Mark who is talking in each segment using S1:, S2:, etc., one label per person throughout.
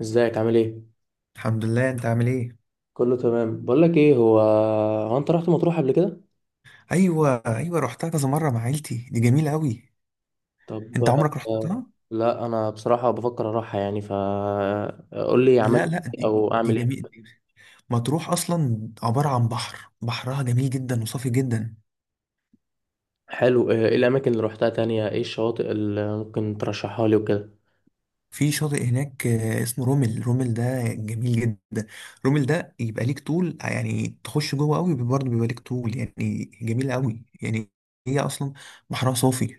S1: ازيك؟ عامل ايه؟
S2: الحمد لله، انت عامل ايه؟
S1: كله تمام. بقول لك ايه، هو انت رحت مطروح قبل كده؟
S2: ايوه ايوه، رحتها كذا مره مع عيلتي، دي جميله قوي.
S1: طب.
S2: انت عمرك
S1: آه،
S2: رحتها؟
S1: لا انا بصراحه بفكر اروحها يعني، ف قول لي عملت
S2: لا لا،
S1: إيه
S2: دي
S1: او
S2: دي
S1: اعمل ايه؟
S2: جميله. مطروح اصلا عباره عن بحر، بحرها جميل جدا وصافي جدا.
S1: حلو. ايه الاماكن اللي روحتها تانية، ايه الشواطئ اللي ممكن ترشحها لي وكده؟
S2: في شاطئ هناك، اسمه رومل، رومل ده جميل جدا. رومل ده يبقى ليك طول، يعني تخش جوه قوي برضه بيبقى ليك طول، يعني جميله قوي يعني. هي اصلا بحرها صافي.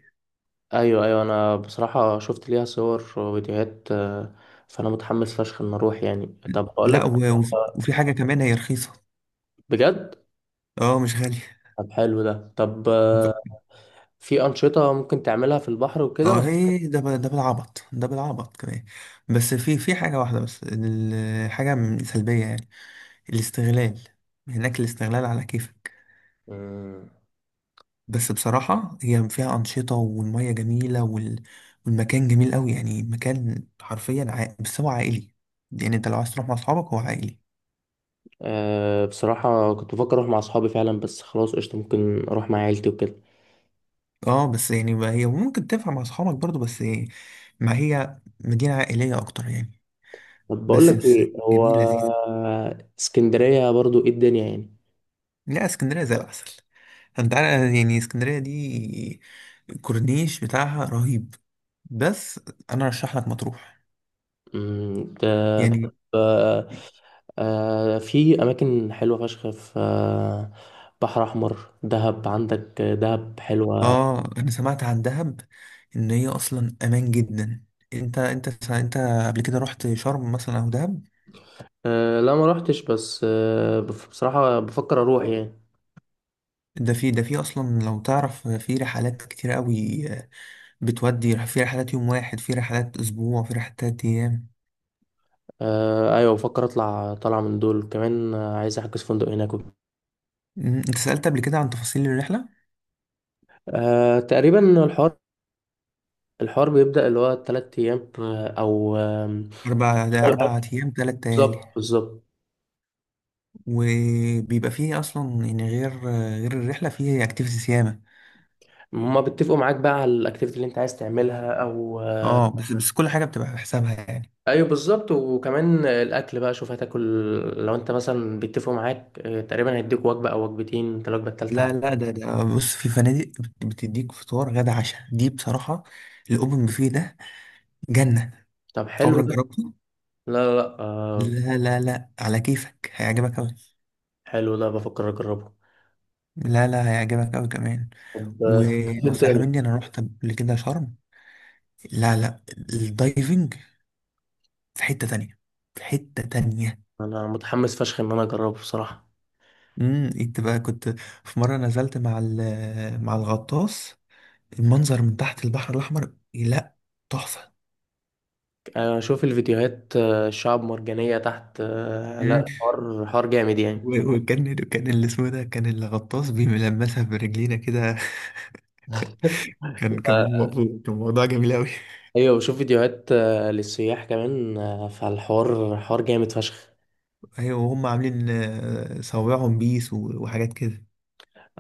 S1: ايوه، ايوه، انا بصراحه شفت ليها صور وفيديوهات، فانا متحمس فشخ ان اروح يعني. طب اقول لك.
S2: لا وفي حاجه كمان، هي رخيصه.
S1: بجد؟
S2: اه مش غاليه.
S1: طب حلو ده. طب، في انشطه ممكن تعملها في البحر
S2: اه
S1: وكده؟
S2: هي ده بالعبط كمان. بس في حاجة واحدة بس، الحاجة سلبية يعني. الاستغلال. هناك الاستغلال على كيفك.
S1: مم.
S2: بس بصراحة هي فيها أنشطة والمية جميلة والمكان جميل قوي، يعني مكان حرفيا عائل. بس هو عائلي. يعني انت لو عايز تروح مع اصحابك، هو عائلي.
S1: أه، بصراحة كنت بفكر أروح مع أصحابي فعلا، بس خلاص، قشطة، ممكن أروح مع عيلتي وكده.
S2: اه بس يعني ما هي ممكن تنفع مع اصحابك برضو، بس ما هي مدينة عائلية اكتر يعني.
S1: طب بقول لك
S2: بس
S1: إيه، هو
S2: جميلة لذيذة.
S1: اسكندرية برضو إيه الدنيا يعني؟
S2: لا، اسكندرية زي العسل. انت عارف يعني اسكندرية دي الكورنيش بتاعها رهيب. بس انا ارشح لك مطروح
S1: طب،
S2: يعني.
S1: آه، في أماكن حلوة فشخ في، بحر أحمر. دهب، عندك دهب حلوة.
S2: اه، انا سمعت عن دهب ان هي اصلا امان جدا. انت قبل كده رحت شرم مثلا او دهب؟
S1: أه لا، ما روحتش، بس أه بصراحة بفكر أروح يعني.
S2: ده في اصلا لو تعرف في رحلات كتير قوي. بتودي في رحلات يوم واحد، في رحلات اسبوع، في رحلات تلات ايام.
S1: أه أيوة، بفكر أطلع طالعة من دول كمان. عايز أحجز فندق هناك.
S2: انت سألت قبل كده عن تفاصيل الرحلة؟
S1: أه تقريبا الحوار، الحوار بيبدأ اللي هو تلات أيام، أو أول
S2: اربع
S1: حاجة.
S2: ايام تلات ليالي.
S1: بالظبط، بالظبط.
S2: وبيبقى فيه اصلا يعني غير الرحله فيه اكتيفيتيز ياما.
S1: هما بيتفقوا معاك بقى على الأكتيفيتي اللي أنت عايز تعملها، أو
S2: اه، بس كل حاجه بتبقى بحسابها يعني.
S1: أيوه بالظبط. وكمان الأكل بقى، شوف هتاكل لو أنت مثلا. بيتفقوا معاك، تقريبا هيديك وجبة أو وجبتين، أنت الوجبة التالتة
S2: لا
S1: عادي.
S2: لا، ده ده آه، بص، في فنادق بتديك فطار غدا عشاء. دي بصراحه الاوبن بوفيه ده جنه.
S1: طب حلو
S2: عمرك
S1: ده.
S2: جربته؟
S1: لا، لا، لا،
S2: لا لا لا، على كيفك هيعجبك قوي.
S1: حلو ده، بفكر أجربه.
S2: لا لا، هيعجبك قوي كمان.
S1: طب. فيلم
S2: ونصيحه
S1: تاني.
S2: مني، انا رحت قبل كده شرم. لا لا، الدايفنج في حته تانية، في حته تانية.
S1: أنا متحمس فشخ إن أنا أجربه بصراحة.
S2: انت بقى كنت في مره نزلت مع مع الغطاس. المنظر من تحت البحر الاحمر، لا تحفه.
S1: شوف الفيديوهات، الشعب مرجانية تحت.
S2: مم.
S1: لا، حوار حوار جامد يعني.
S2: وكان اللي اسمه ده كان الغطاس بيلمسها برجلينا كده. كان كان
S1: آه،
S2: موضوع كان موضوع جميل قوي.
S1: ايوه، بشوف فيديوهات، للسياح كمان، فالحوار حوار جامد فشخ.
S2: ايوه وهم عاملين، صوابعهم بيس وحاجات كده.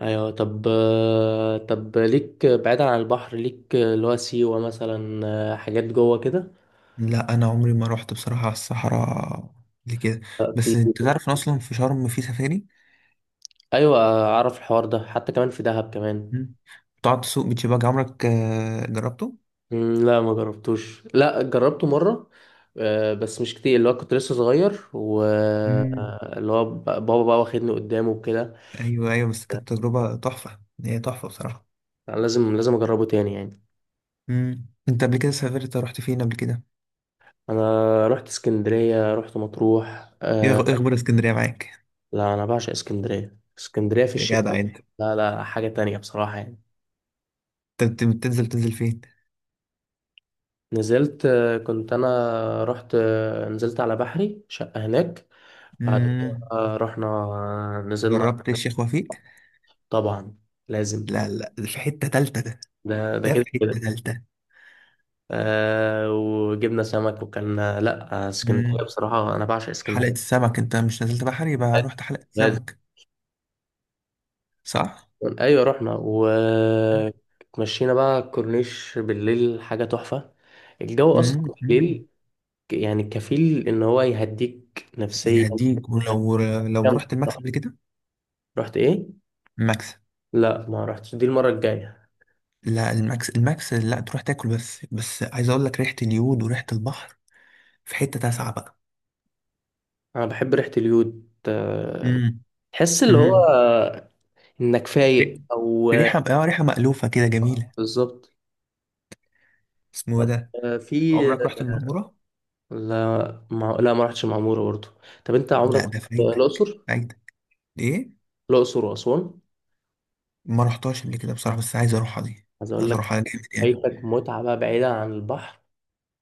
S1: ايوه. طب، طب ليك بعيدا عن البحر، ليك اللي هو سيوة مثلا. حاجات جوه كده.
S2: لا انا عمري ما رحت بصراحه على الصحراء قبل كده.
S1: آه، في
S2: بس انت تعرف ان اصلا في شرم في سفاري.
S1: ايوه، اعرف الحوار ده، حتى كمان في دهب كمان.
S2: مم. بتقعد تسوق بيتش باجي. عمرك جربته؟
S1: لا ما جربتوش. لا، جربته مرة، بس مش كتير، اللي هو كنت لسه صغير،
S2: مم.
S1: واللي هو بابا بقى واخدني قدامه وكده.
S2: ايوه ايوه، بس كانت تجربه تحفه. هي تحفه بصراحه.
S1: أنا لازم، لازم اجربه تاني يعني.
S2: انت قبل كده سافرت رحت فين قبل كده؟
S1: انا رحت اسكندرية، رحت مطروح.
S2: ايه إيه اخبار اسكندريه معاك؟
S1: لا انا بعشق اسكندريه، اسكندريه في
S2: يا
S1: الشتاء.
S2: جدع انت.
S1: لا، لا، حاجه تانية بصراحه يعني.
S2: انت تنزل فين؟
S1: نزلت، كنت انا رحت، نزلت على بحري، شقه هناك. بعد كده
S2: امم.
S1: رحنا، نزلنا.
S2: جربت الشيخ وفيق؟
S1: طبعا. لازم.
S2: لا لا، ده في حته تالته ده.
S1: ده ده
S2: ده في
S1: كده كده.
S2: حته تالته.
S1: آه وجبنا سمك وكلنا. لا اسكندريه
S2: امم.
S1: بصراحه، انا بعشق
S2: حلقه
S1: اسكندريه.
S2: السمك، انت مش نزلت بحر يبقى رحت حلقه
S1: لازم.
S2: السمك، صح؟
S1: ايوه رحنا. ومشينا بقى الكورنيش بالليل، حاجه تحفه. الجو اصلا
S2: امم.
S1: بالليل يعني كفيل ان هو يهديك نفسيا.
S2: يهديك ولو. لو
S1: جامد.
S2: رحت الماكس قبل كده؟
S1: رحت ايه؟
S2: الماكس.
S1: لا ما رحتش، دي المره الجايه.
S2: لا الماكس، الماكس لا تروح تاكل، بس بس عايز اقول لك ريحه اليود وريحه البحر في حتة تاسعة بقى.
S1: انا بحب ريحه اليود.
S2: امم.
S1: تحس اللي هو
S2: امم.
S1: انك فايق
S2: ري-
S1: او.
S2: ريحة مألوفة كده جميلة.
S1: بالظبط.
S2: اسمه ده.
S1: آه، في
S2: عمرك رحت المعمورة؟
S1: لا ما رحتش معموره برضه. طب انت عمرك
S2: لا،
S1: رحت
S2: ده فايتك
S1: الاقصر؟
S2: فايتك. ايه؟
S1: الاقصر واسوان.
S2: ما رحتهاش قبل كده بصراحة، بس عايز اروحها دي.
S1: عايز اقول
S2: عايز
S1: لك،
S2: اروحها جامد يعني.
S1: فايتك متعه بقى بعيده عن البحر.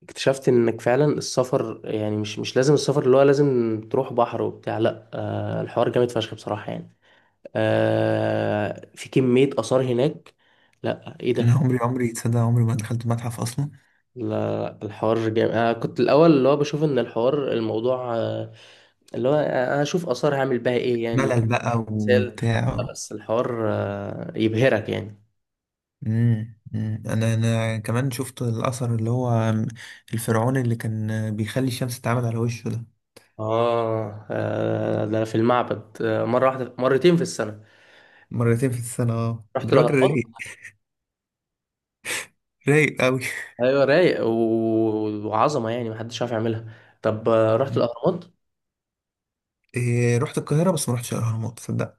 S1: اكتشفت انك فعلا السفر يعني، مش لازم السفر اللي هو لازم تروح بحر وبتاع. لا، الحوار جامد فشخ بصراحه يعني. آه في كمية آثار هناك. لا ايه
S2: انا
S1: ده.
S2: عمري، عمري تصدق، عمري ما دخلت متحف اصلا.
S1: لا الحوار جامد. انا كنت الاول اللي هو بشوف ان الحوار الموضوع، اللي هو انا اشوف آثار هعمل بها ايه يعني.
S2: ملل بقى
S1: مثال.
S2: وبتاع.
S1: لا، بس الحوار يبهرك يعني.
S2: أمم. انا كمان شفت الاثر اللي هو الفرعون اللي كان بيخلي الشمس تتعامد على وشه ده،
S1: اه. ده في المعبد، مرة واحدة، مرتين في السنة.
S2: مرتين في السنة. اه،
S1: رحت
S2: ده راجل
S1: الأهرامات.
S2: رايق. رايق قوي.
S1: ايوه رايق، وعظمة يعني محدش عارف يعملها. طب، رحت الأهرامات.
S2: إيه، رحت القاهرة بس ما رحتش الأهرامات، تصدق؟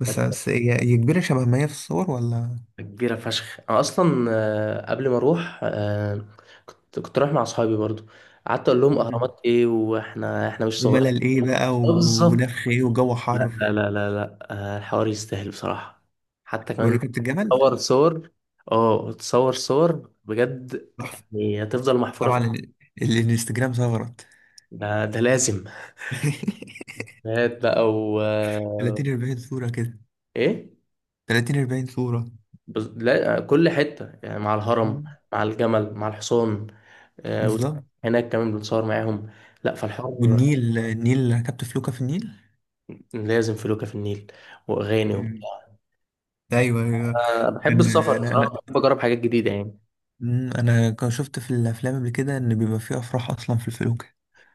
S2: بس هي كبيرة شبه ما هي في الصور ولا؟
S1: كبيرة فشخ. أنا أصلا قبل ما أروح، كنت رايح مع أصحابي برضو. قعدت أقول لهم
S2: مم.
S1: أهرامات إيه، وإحنا، إحنا مش صغير.
S2: وملل إيه بقى
S1: بالظبط.
S2: ونفخ إيه وجو
S1: لا،
S2: حر.
S1: لا، لا، لا، لا، الحوار يستاهل بصراحة. حتى كمان
S2: وركبت الجمل،
S1: تصور صور. اه تصور صور بجد،
S2: تحفة.
S1: يعني هتفضل محفورة
S2: طبعا
S1: في.
S2: الانستجرام ثغرت.
S1: ده, ده لازم. هات بقى و
S2: 30 40 صورة كده،
S1: إيه؟
S2: 30 40 صورة.
S1: لا، كل حتة يعني مع الهرم،
S2: مم.
S1: مع الجمل، مع الحصان. آه،
S2: بالظبط.
S1: هناك كمان بنتصور معاهم. لا فالحر.
S2: والنيل، ركبت فلوكة في النيل.
S1: لازم فلوكة في النيل، وأغاني
S2: مم.
S1: وبتاع.
S2: ايوه ايوه.
S1: بحب
S2: كان
S1: السفر
S2: انا.
S1: بصراحة، بحب أجرب حاجات جديدة يعني.
S2: انا كان شفت في الافلام قبل كده ان بيبقى فيه افراح اصلا في الفلوكة.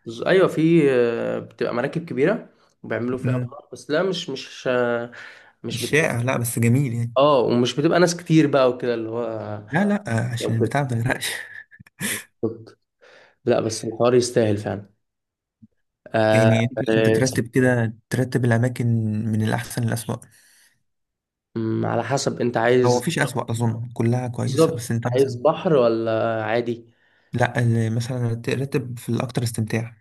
S1: أيوة، في، بتبقى مراكب كبيرة، وبيعملوا فيها
S2: مم.
S1: أفراح، بس لا مش مش مش
S2: مش
S1: بتبقى.
S2: شائع، لا بس جميل يعني.
S1: اه ومش بتبقى ناس كتير بقى وكده، اللي هو
S2: لا لا، عشان
S1: يعني كده.
S2: البتاع ما يغرقش.
S1: لا بس الحوار يستاهل فعلا. آه،
S2: يعني انت
S1: آه،
S2: ترتب كده، ترتب الاماكن من الاحسن للاسوأ؟
S1: م، على حسب انت
S2: هو
S1: عايز.
S2: مفيش اسوأ، اظن كلها كويسه،
S1: بالظبط.
S2: بس انت
S1: عايز
S2: مثلا.
S1: بحر ولا عادي؟
S2: لا مثلا ترتب في الاكتر استمتاع.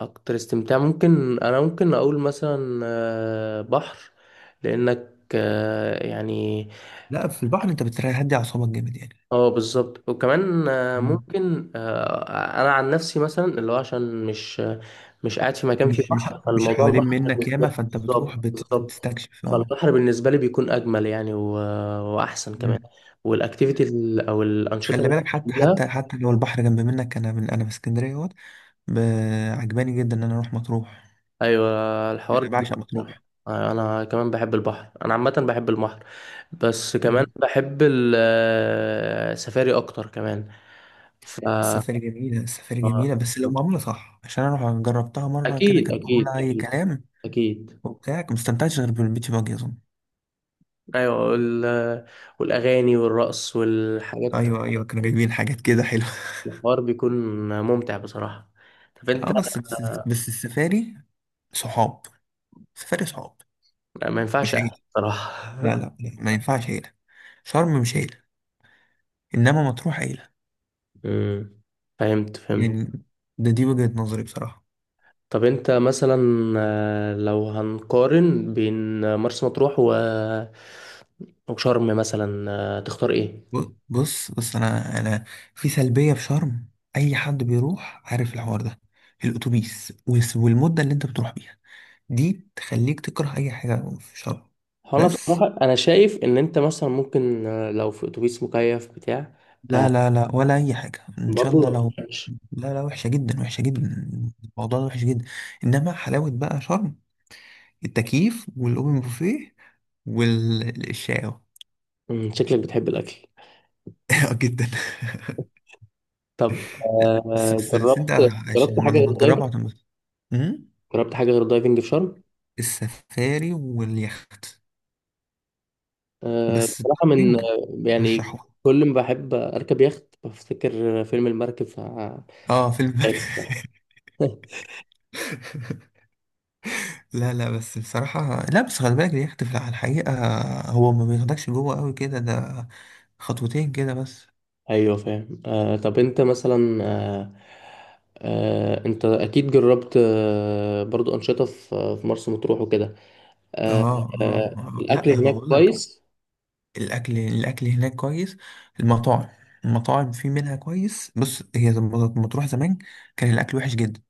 S1: اكتر استمتاع ممكن، انا ممكن اقول مثلا بحر، لانك يعني.
S2: لا في البحر انت بتهدي اعصابك جامد يعني.
S1: اه بالظبط. وكمان
S2: مم.
S1: ممكن انا عن نفسي، مثلا اللي هو عشان مش قاعد في مكان فيه بحر،
S2: مش
S1: فالموضوع
S2: حوالين
S1: البحر
S2: منك
S1: بالنسبه
S2: ياما،
S1: لي.
S2: فانت بتروح
S1: بالظبط، بالظبط.
S2: بتستكشف اه.
S1: فالبحر بالنسبه لي بيكون اجمل يعني، واحسن كمان.
S2: مم.
S1: والاكتيفيتي او
S2: خلي
S1: الانشطه
S2: بالك،
S1: اللي.
S2: حتى لو البحر جنب منك. انا في اسكندريه اهوت. عجباني جدا ان انا اروح مطروح.
S1: ايوه الحوار
S2: يعني انا
S1: جميل
S2: بعشق
S1: بصراحة.
S2: مطروح.
S1: أيوة، انا كمان بحب البحر، انا عامه بحب البحر، بس كمان بحب السفاري اكتر كمان. ف
S2: السفاري جميلة، السفاري
S1: آه،
S2: جميلة، بس لو معمولة صح، عشان أنا جربتها مرة كده
S1: اكيد،
S2: كانت
S1: اكيد،
S2: معمولة أي
S1: اكيد.
S2: كلام
S1: اكيد.
S2: وبتاع. مستمتعتش غير بالبيتش باجي أظن.
S1: ايوه والاغاني والرقص والحاجات.
S2: أيوه أيوه كانوا جايبين حاجات كده حلوة.
S1: الحوار بيكون ممتع بصراحه. طب انت.
S2: بس السفاري صحاب، السفاري صحاب.
S1: ما ينفعش
S2: مش
S1: أقعد
S2: عيلة. لا
S1: بصراحه
S2: لا لا، ما ينفعش عيلة. شرم مش عيلة. إنما مطروح عيلة.
S1: أمم، فهمت، فهمت.
S2: يعني دي وجهة نظري بصراحة.
S1: طب انت مثلا، لو هنقارن بين مرسى مطروح و وشرم مثلا، تختار ايه؟
S2: بص انا في سلبيه في شرم. اي حد بيروح عارف الحوار ده. الاتوبيس والمده اللي انت بتروح بيها دي تخليك تكره اي حاجه في شرم.
S1: هو انا
S2: بس.
S1: بصراحه، انا شايف ان انت مثلا ممكن لو في اتوبيس مكيف بتاع.
S2: لا
S1: آه،
S2: لا لا، ولا اي حاجه ان شاء
S1: برضه ما
S2: الله لو.
S1: بتحبش.
S2: لا لا، وحشه جدا، وحشه جدا. الموضوع ده وحش جدا. انما حلاوه بقى شرم التكييف والاوبن بوفيه والشاو.
S1: شكلك بتحب الاكل.
S2: جدا.
S1: طب،
S2: لا بس انت
S1: جربت
S2: عشان
S1: جربت
S2: لما
S1: حاجه
S2: لما
S1: غير دايفنج؟
S2: تجربها هتنبسط. إمم؟
S1: جربت حاجه غير دايفنج في شرم؟
S2: السفاري واليخت. بس
S1: بصراحه من،
S2: التrekking
S1: يعني
S2: رشحوه.
S1: كل ما بحب اركب يخت بفتكر فيلم المركب ف
S2: اه في البر. لا لا بس بصراحة، لا بس خلي بالك اليخت في الحقيقة هو ما بياخدكش جوه قوي كده ده، خطوتين كده بس.
S1: ايوه فاهم. آه طب انت مثلا آه، انت اكيد جربت برضو انشطه في مرسى مطروح وكده. آه الاكل
S2: لا ما
S1: هناك
S2: بقولك
S1: كويس.
S2: الأكل هناك كويس. المطاعم، المطاعم في منها كويس. بص هي لما تروح زمان كان الأكل وحش جدا.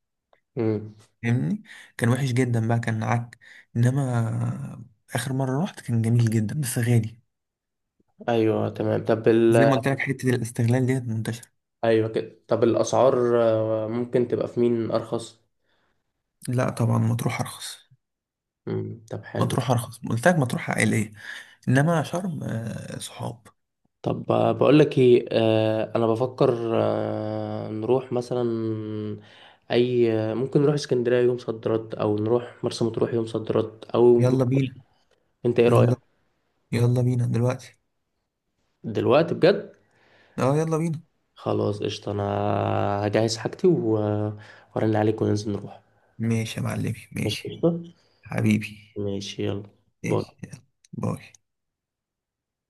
S1: مم.
S2: فاهمني، كان وحش جدا بقى كان عك. انما اخر مره رحت كان جميل جدا بس غالي.
S1: ايوه تمام. طب
S2: زي
S1: ال...
S2: ما قلت لك حته الاستغلال ديت منتشره.
S1: ايوه كده. طب الاسعار ممكن تبقى في مين ارخص؟
S2: لا طبعا مطروح ارخص.
S1: مم. طب حلو.
S2: مطروح ارخص، قلت لك مطروح عائليه، انما شرم صحاب.
S1: طب، بقول لك ايه، انا بفكر، نروح مثلا. اي، ممكن نروح اسكندريه يوم صد رد، او نروح مرسى مطروح يوم صد رد او.
S2: يلا بينا.
S1: انت ايه رايك؟
S2: يلا. يلا بينا دلوقتي.
S1: دلوقتي بجد؟
S2: اه، يلا بينا.
S1: خلاص قشطة. أنا هجهز حاجتي و... وأرن عليك وننزل نروح.
S2: ماشي يا معلمي
S1: ماشي
S2: ماشي.
S1: قشطة.
S2: حبيبي.
S1: ماشي يلا. باي.
S2: ماشي يلا. باي.